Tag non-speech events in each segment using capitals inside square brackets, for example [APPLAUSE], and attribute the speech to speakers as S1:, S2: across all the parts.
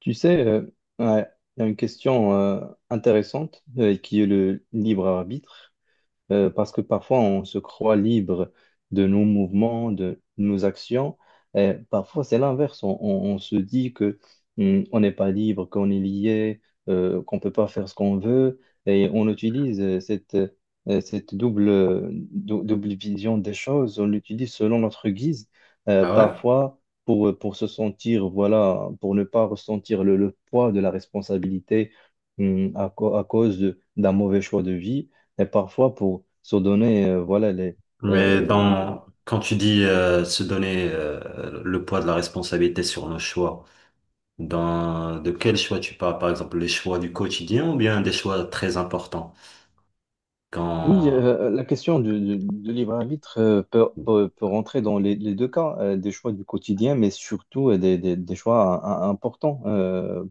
S1: Tu sais, euh, ouais, il y a une question intéressante qui est le libre arbitre. Parce que parfois, on se croit libre de nos mouvements, de nos actions. Et parfois, c'est l'inverse. On se dit que on n'est pas libre, qu'on est lié, qu'on ne peut pas faire ce qu'on veut. Et on utilise cette, cette double, double vision des choses. On l'utilise selon notre guise,
S2: Ah, ouais?
S1: parfois pour se sentir, voilà, pour ne pas ressentir le poids de la responsabilité à, à cause d'un mauvais choix de vie. Et parfois, pour se donner, voilà,
S2: Mais
S1: euh,
S2: dans, quand tu dis se donner le poids de la responsabilité sur nos choix, dans, de quel choix tu parles? Par exemple, les choix du quotidien ou bien des choix très importants?
S1: oui,
S2: Quand,
S1: la question du libre arbitre peut rentrer dans les deux cas, des choix du quotidien, mais surtout des choix importants.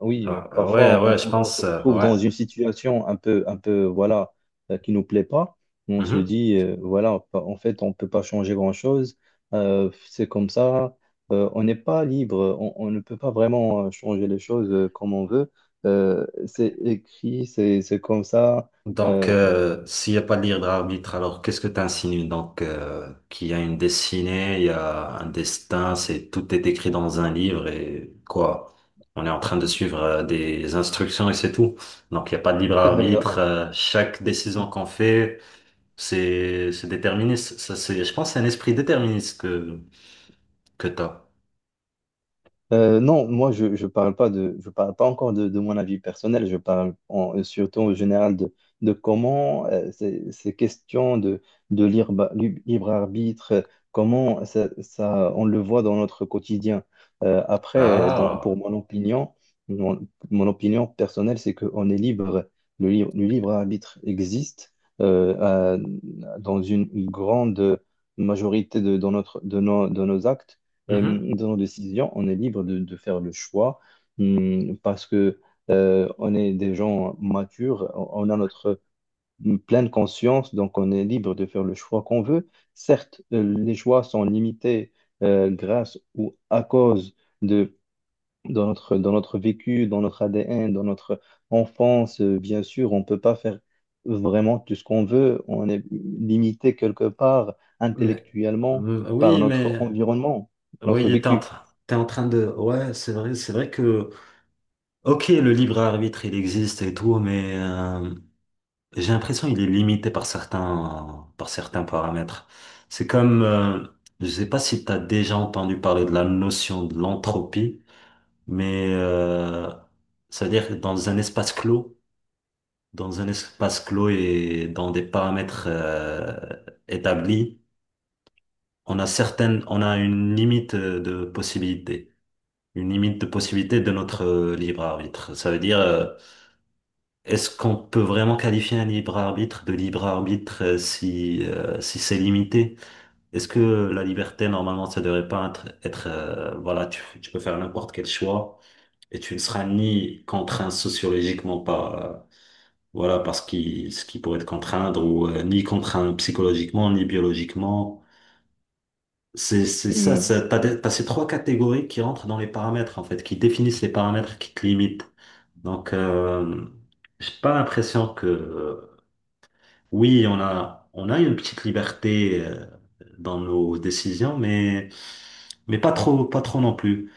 S1: Oui,
S2: ah,
S1: parfois
S2: ouais, ouais, je
S1: on se
S2: pense,
S1: retrouve
S2: ouais.
S1: dans une situation un peu, voilà, qui nous plaît pas. On se
S2: Mhm.
S1: dit, voilà, en fait, on peut pas changer grand-chose. C'est comme ça. On n'est pas libre. On ne peut pas vraiment changer les choses comme on veut. C'est écrit, c'est comme ça.
S2: Donc,
S1: Euh,
S2: s'il n'y a pas de libre d'arbitre, alors qu'est-ce que tu insinues? Donc, qu'il y a une destinée, il y a un destin, c'est tout est écrit dans un livre et quoi? On est en train de suivre des instructions et c'est tout. Donc, il n'y a pas de libre arbitre.
S1: [LAUGHS]
S2: Chaque décision qu'on fait, c'est déterministe. Ça, c'est, je pense, que c'est un esprit déterministe que t'as.
S1: Non, moi je parle pas de je parle pas encore de mon avis personnel. Je parle surtout en général de comment ces questions de libre, libre arbitre, comment on le voit dans notre quotidien. Après, dans,
S2: Ah.
S1: pour mon opinion, mon opinion personnelle, c'est qu'on est libre. Le libre arbitre existe euh, à- dans une grande majorité de dans notre de nos actes
S2: Mhm.
S1: dans nos décisions, on est libre de faire le choix parce que on est des gens matures, on a notre pleine conscience, donc on est libre de faire le choix qu'on veut. Certes, les choix sont limités grâce ou à cause de dans notre vécu, dans notre ADN, dans notre enfance, bien sûr, on ne peut pas faire vraiment tout ce qu'on veut, on est limité quelque part
S2: Mais
S1: intellectuellement
S2: mm,
S1: par
S2: oui,
S1: notre
S2: mais
S1: environnement,
S2: oui,
S1: notre vécu.
S2: t'es en train de. Ouais, c'est vrai que. Ok, le libre arbitre, il existe et tout, mais j'ai l'impression qu'il est limité par par certains paramètres. C'est comme, je sais pas si tu as déjà entendu parler de la notion de l'entropie, mais ça veut dire que dans un espace clos, dans un espace clos et dans des paramètres établis, on a on a une limite de possibilité, une limite de possibilité de notre libre arbitre. Ça veut dire est-ce qu'on peut vraiment qualifier un libre arbitre de libre arbitre si, si c'est limité? Est-ce que la liberté, normalement, ça devrait pas être, voilà, tu peux faire n'importe quel choix et tu ne seras ni contraint sociologiquement par, voilà, par ce qui pourrait te contraindre ou ni contraint psychologiquement, ni biologiquement. C'est ça,
S1: Mm.
S2: ça, t'as, t'as ces trois catégories qui rentrent dans les paramètres, en fait, qui définissent les paramètres qui te limitent. Donc, j'ai pas l'impression que, oui, on a une petite liberté dans nos décisions, mais pas trop, pas trop non plus.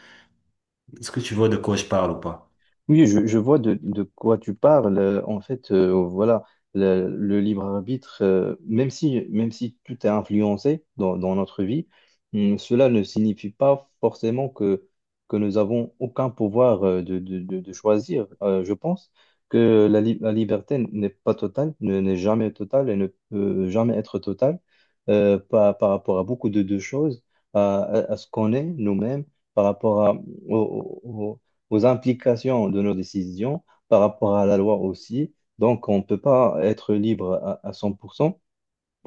S2: Est-ce que tu vois de quoi je parle ou pas?
S1: Oui, je vois de quoi tu parles. En fait, voilà, le libre arbitre, même si tout est influencé dans notre vie, cela ne signifie pas forcément que nous avons aucun pouvoir de choisir. Je pense que la liberté n'est pas totale, n'est jamais totale et ne peut jamais être totale par, par rapport à beaucoup de choses, à ce qu'on est nous-mêmes, par rapport à, au- au- aux implications de nos décisions par rapport à la loi aussi. Donc, on ne peut pas être libre à 100%,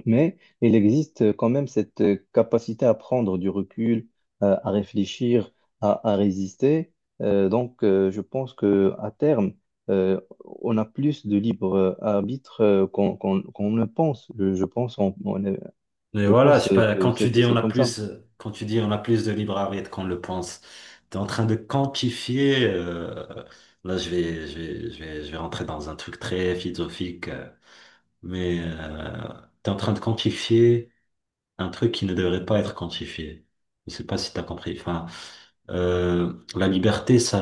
S1: mais il existe quand même cette capacité à prendre du recul, à réfléchir, à résister. Donc, je pense que à terme, euh, on a plus de libre arbitre qu'on qu'on ne pense. Je pense,
S2: Mais
S1: je
S2: voilà, je
S1: pense
S2: sais pas,
S1: que
S2: quand tu dis on
S1: c'est
S2: a
S1: comme ça.
S2: plus, quand tu dis on a plus de libre arbitre qu'on le pense, t'es en train de quantifier. Là, je vais rentrer dans un truc très philosophique, mais tu es en train de quantifier un truc qui ne devrait pas être quantifié. Je sais pas si tu as compris. Enfin, la liberté, ça,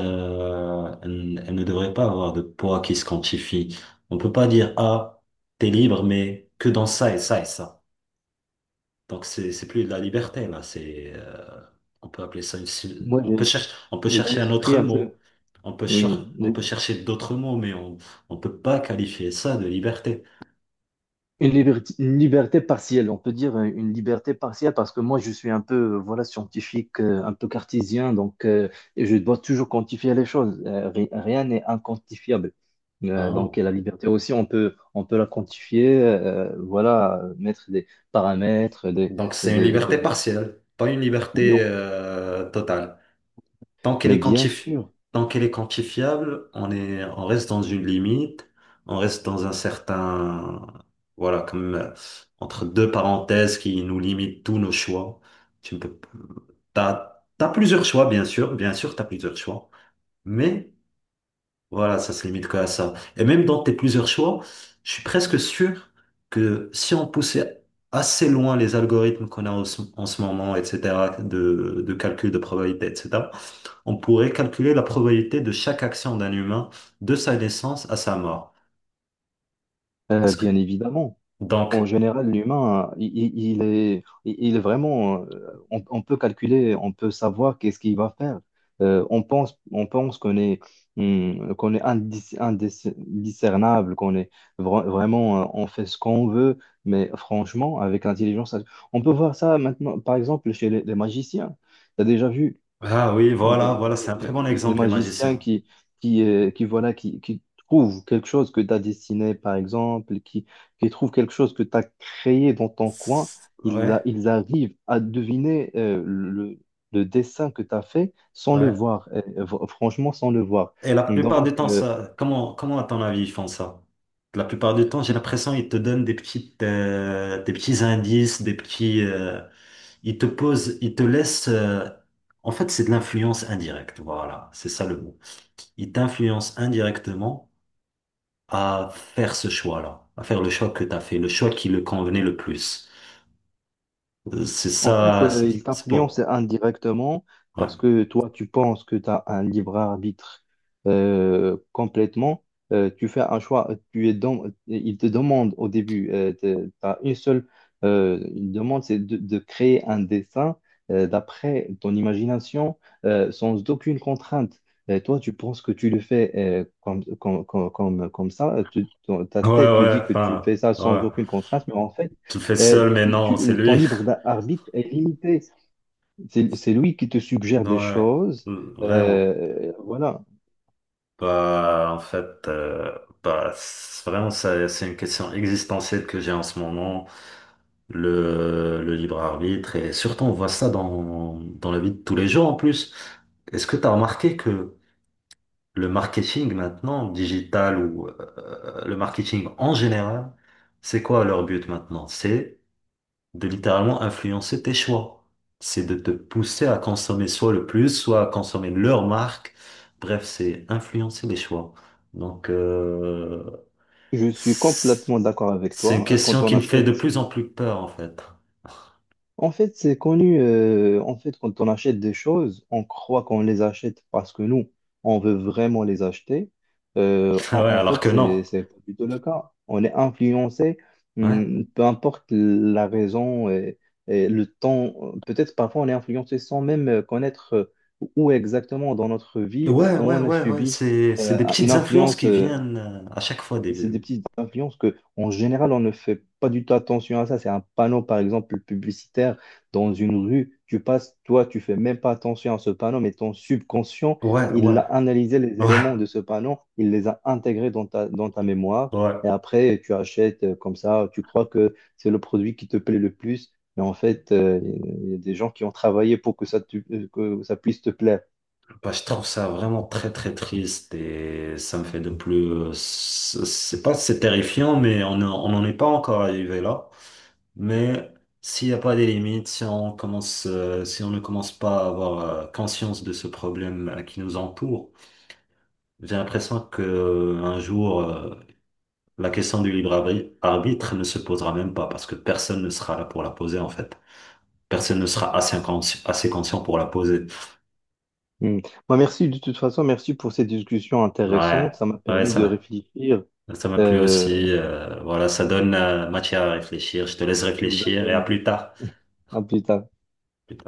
S2: elle ne devrait pas avoir de poids qui se quantifie. On peut pas dire, ah, t'es libre, mais que dans ça et ça et ça. Donc c'est plus de la liberté là. C'est on peut appeler ça une,
S1: Moi,
S2: on peut
S1: j'ai un
S2: chercher un
S1: esprit
S2: autre
S1: un
S2: mot.
S1: peu, oui,
S2: On peut chercher d'autres mots, mais on peut pas qualifier ça de liberté.
S1: une liberté, une liberté partielle, on peut dire une liberté partielle parce que moi je suis un peu voilà scientifique, un peu cartésien, donc et je dois toujours quantifier les choses. Rien n'est inquantifiable.
S2: Hein.
S1: Donc et la liberté aussi, on peut la quantifier, voilà, mettre des paramètres,
S2: Donc c'est une
S1: des...
S2: liberté partielle, pas une
S1: Oui,
S2: liberté totale. Tant qu'elle
S1: mais
S2: est
S1: bien
S2: quantifi-
S1: sûr,
S2: Tant qu'elle est quantifiable, on reste dans une limite, on reste dans un certain, voilà, comme entre deux parenthèses qui nous limitent tous nos choix. Tu ne peux, p- t'as, t'as plusieurs choix, bien sûr, t'as plusieurs choix, mais voilà, ça se limite qu'à ça. Et même dans tes plusieurs choix, je suis presque sûr que si on poussait assez loin les algorithmes qu'on a en ce moment, etc., de calcul de probabilité, etc., on pourrait calculer la probabilité de chaque action d'un humain de sa naissance à sa mort. Est-ce que...
S1: bien évidemment.
S2: Donc,
S1: En général, l'humain, il est, il est vraiment, on peut calculer, on peut savoir qu'est-ce qu'il va faire. On pense qu'on est indiscernable, qu'on est vraiment, on fait ce qu'on veut, mais franchement, avec l'intelligence, on peut voir ça maintenant, par exemple, chez les magiciens. Tu as déjà vu
S2: ah oui, voilà,
S1: les,
S2: voilà, c'est un très
S1: les-
S2: bon
S1: les-
S2: exemple, les
S1: magiciens
S2: magiciens.
S1: qui, qui trouvent quelque chose que tu as dessiné, par exemple, qui trouvent quelque chose que tu as créé dans ton coin,
S2: Ouais,
S1: ils arrivent à deviner le dessin que tu as fait sans le
S2: ouais.
S1: voir, franchement, sans le voir.
S2: Et la plupart du
S1: Donc,
S2: temps, ça, comment à ton avis ils font ça? La plupart du temps, j'ai l'impression ils te donnent des des petits indices, des ils te posent, ils te laissent. En fait, c'est de l'influence indirecte. Voilà, c'est ça le mot. Ils t'influencent indirectement à faire ce choix-là, à faire le choix que tu as fait, le choix qui le convenait le plus. C'est
S1: en fait,
S2: ça, c'est
S1: il
S2: c'est
S1: t'influence
S2: bon.
S1: indirectement
S2: Ouais,
S1: parce que toi, tu penses que tu as un libre arbitre complètement. Tu fais un choix, tu es dans, il te demande au début, tu as une seule une demande, c'est de créer un dessin d'après ton imagination sans aucune contrainte. Et toi, tu penses que tu le fais comme ça. Ta
S2: ouais,
S1: tête te
S2: ouais.
S1: dit que tu
S2: Enfin,
S1: fais ça sans
S2: ouais.
S1: aucune contrainte, mais en fait,
S2: Tu le fais seul, mais non, c'est
S1: le temps
S2: lui.
S1: libre
S2: [LAUGHS]
S1: d'arbitre est limité. C'est lui qui te suggère des
S2: Ouais,
S1: choses.
S2: vraiment.
S1: Voilà.
S2: Bah, en fait, bah, c'est- vraiment, ça- c'est une question existentielle que j'ai en ce moment, le libre arbitre. Et surtout, on voit ça dans, dans la vie de tous les jours en plus. Est-ce que tu as remarqué que le marketing maintenant, digital ou le marketing en général, c'est quoi leur but maintenant? C'est de littéralement influencer tes choix. C'est de te pousser à consommer soit le plus, soit à consommer leur marque. Bref, c'est influencer les choix. Donc,
S1: Je suis
S2: c'est
S1: complètement d'accord avec
S2: c'est une
S1: toi. Quand
S2: question
S1: on
S2: qui me fait de
S1: achète
S2: plus en plus peur, en fait. [LAUGHS]
S1: en fait, c'est connu. En fait, quand on achète des choses, on croit qu'on les achète parce que nous, on veut vraiment les acheter.
S2: Ouais,
S1: En
S2: alors
S1: fait,
S2: que non.
S1: c'est pas du tout le cas. On est influencé,
S2: Ouais.
S1: peu importe la raison et le temps. Peut-être parfois on est influencé sans même connaître où exactement dans notre vie
S2: Ouais, ouais,
S1: on a
S2: ouais, ouais.
S1: subi
S2: C'est des
S1: une
S2: petites influences
S1: influence
S2: qui viennent à chaque fois
S1: c'est
S2: des...
S1: des petites influences que, en général, on ne fait pas du tout attention à ça. C'est un panneau, par exemple, publicitaire dans une rue. Tu passes, toi, tu fais même pas attention à ce panneau, mais ton subconscient,
S2: Ouais,
S1: il
S2: ouais,
S1: a analysé les
S2: ouais,
S1: éléments de ce panneau, il les a intégrés dans ta mémoire. Et
S2: ouais.
S1: après, tu achètes comme ça, tu crois que c'est le produit qui te plaît le plus. Mais en fait, il y a des gens qui ont travaillé pour que ça, que ça puisse te plaire.
S2: Bah, je trouve ça vraiment très très triste et ça me fait de plus. C'est pas c'est terrifiant, mais on n'en est pas encore arrivé là. Mais s'il n'y a pas des limites, si on commence, si on ne commence pas à avoir conscience de ce problème qui nous entoure, j'ai l'impression que un jour la question du arbitre ne se posera même pas parce que personne ne sera là pour la poser en fait. Personne ne sera assez conscient pour la poser.
S1: Hmm. Moi, merci de toute façon, merci pour cette discussion
S2: Ouais,
S1: intéressante. Ça m'a
S2: ouais,
S1: permis de
S2: ça.
S1: réfléchir.
S2: Ça m'a plu
S1: Euh,
S2: aussi. Voilà, ça donne matière à réfléchir. Je te laisse réfléchir et à
S1: Exactement.
S2: plus tard.
S1: [LAUGHS] À plus tard.
S2: Plus tard.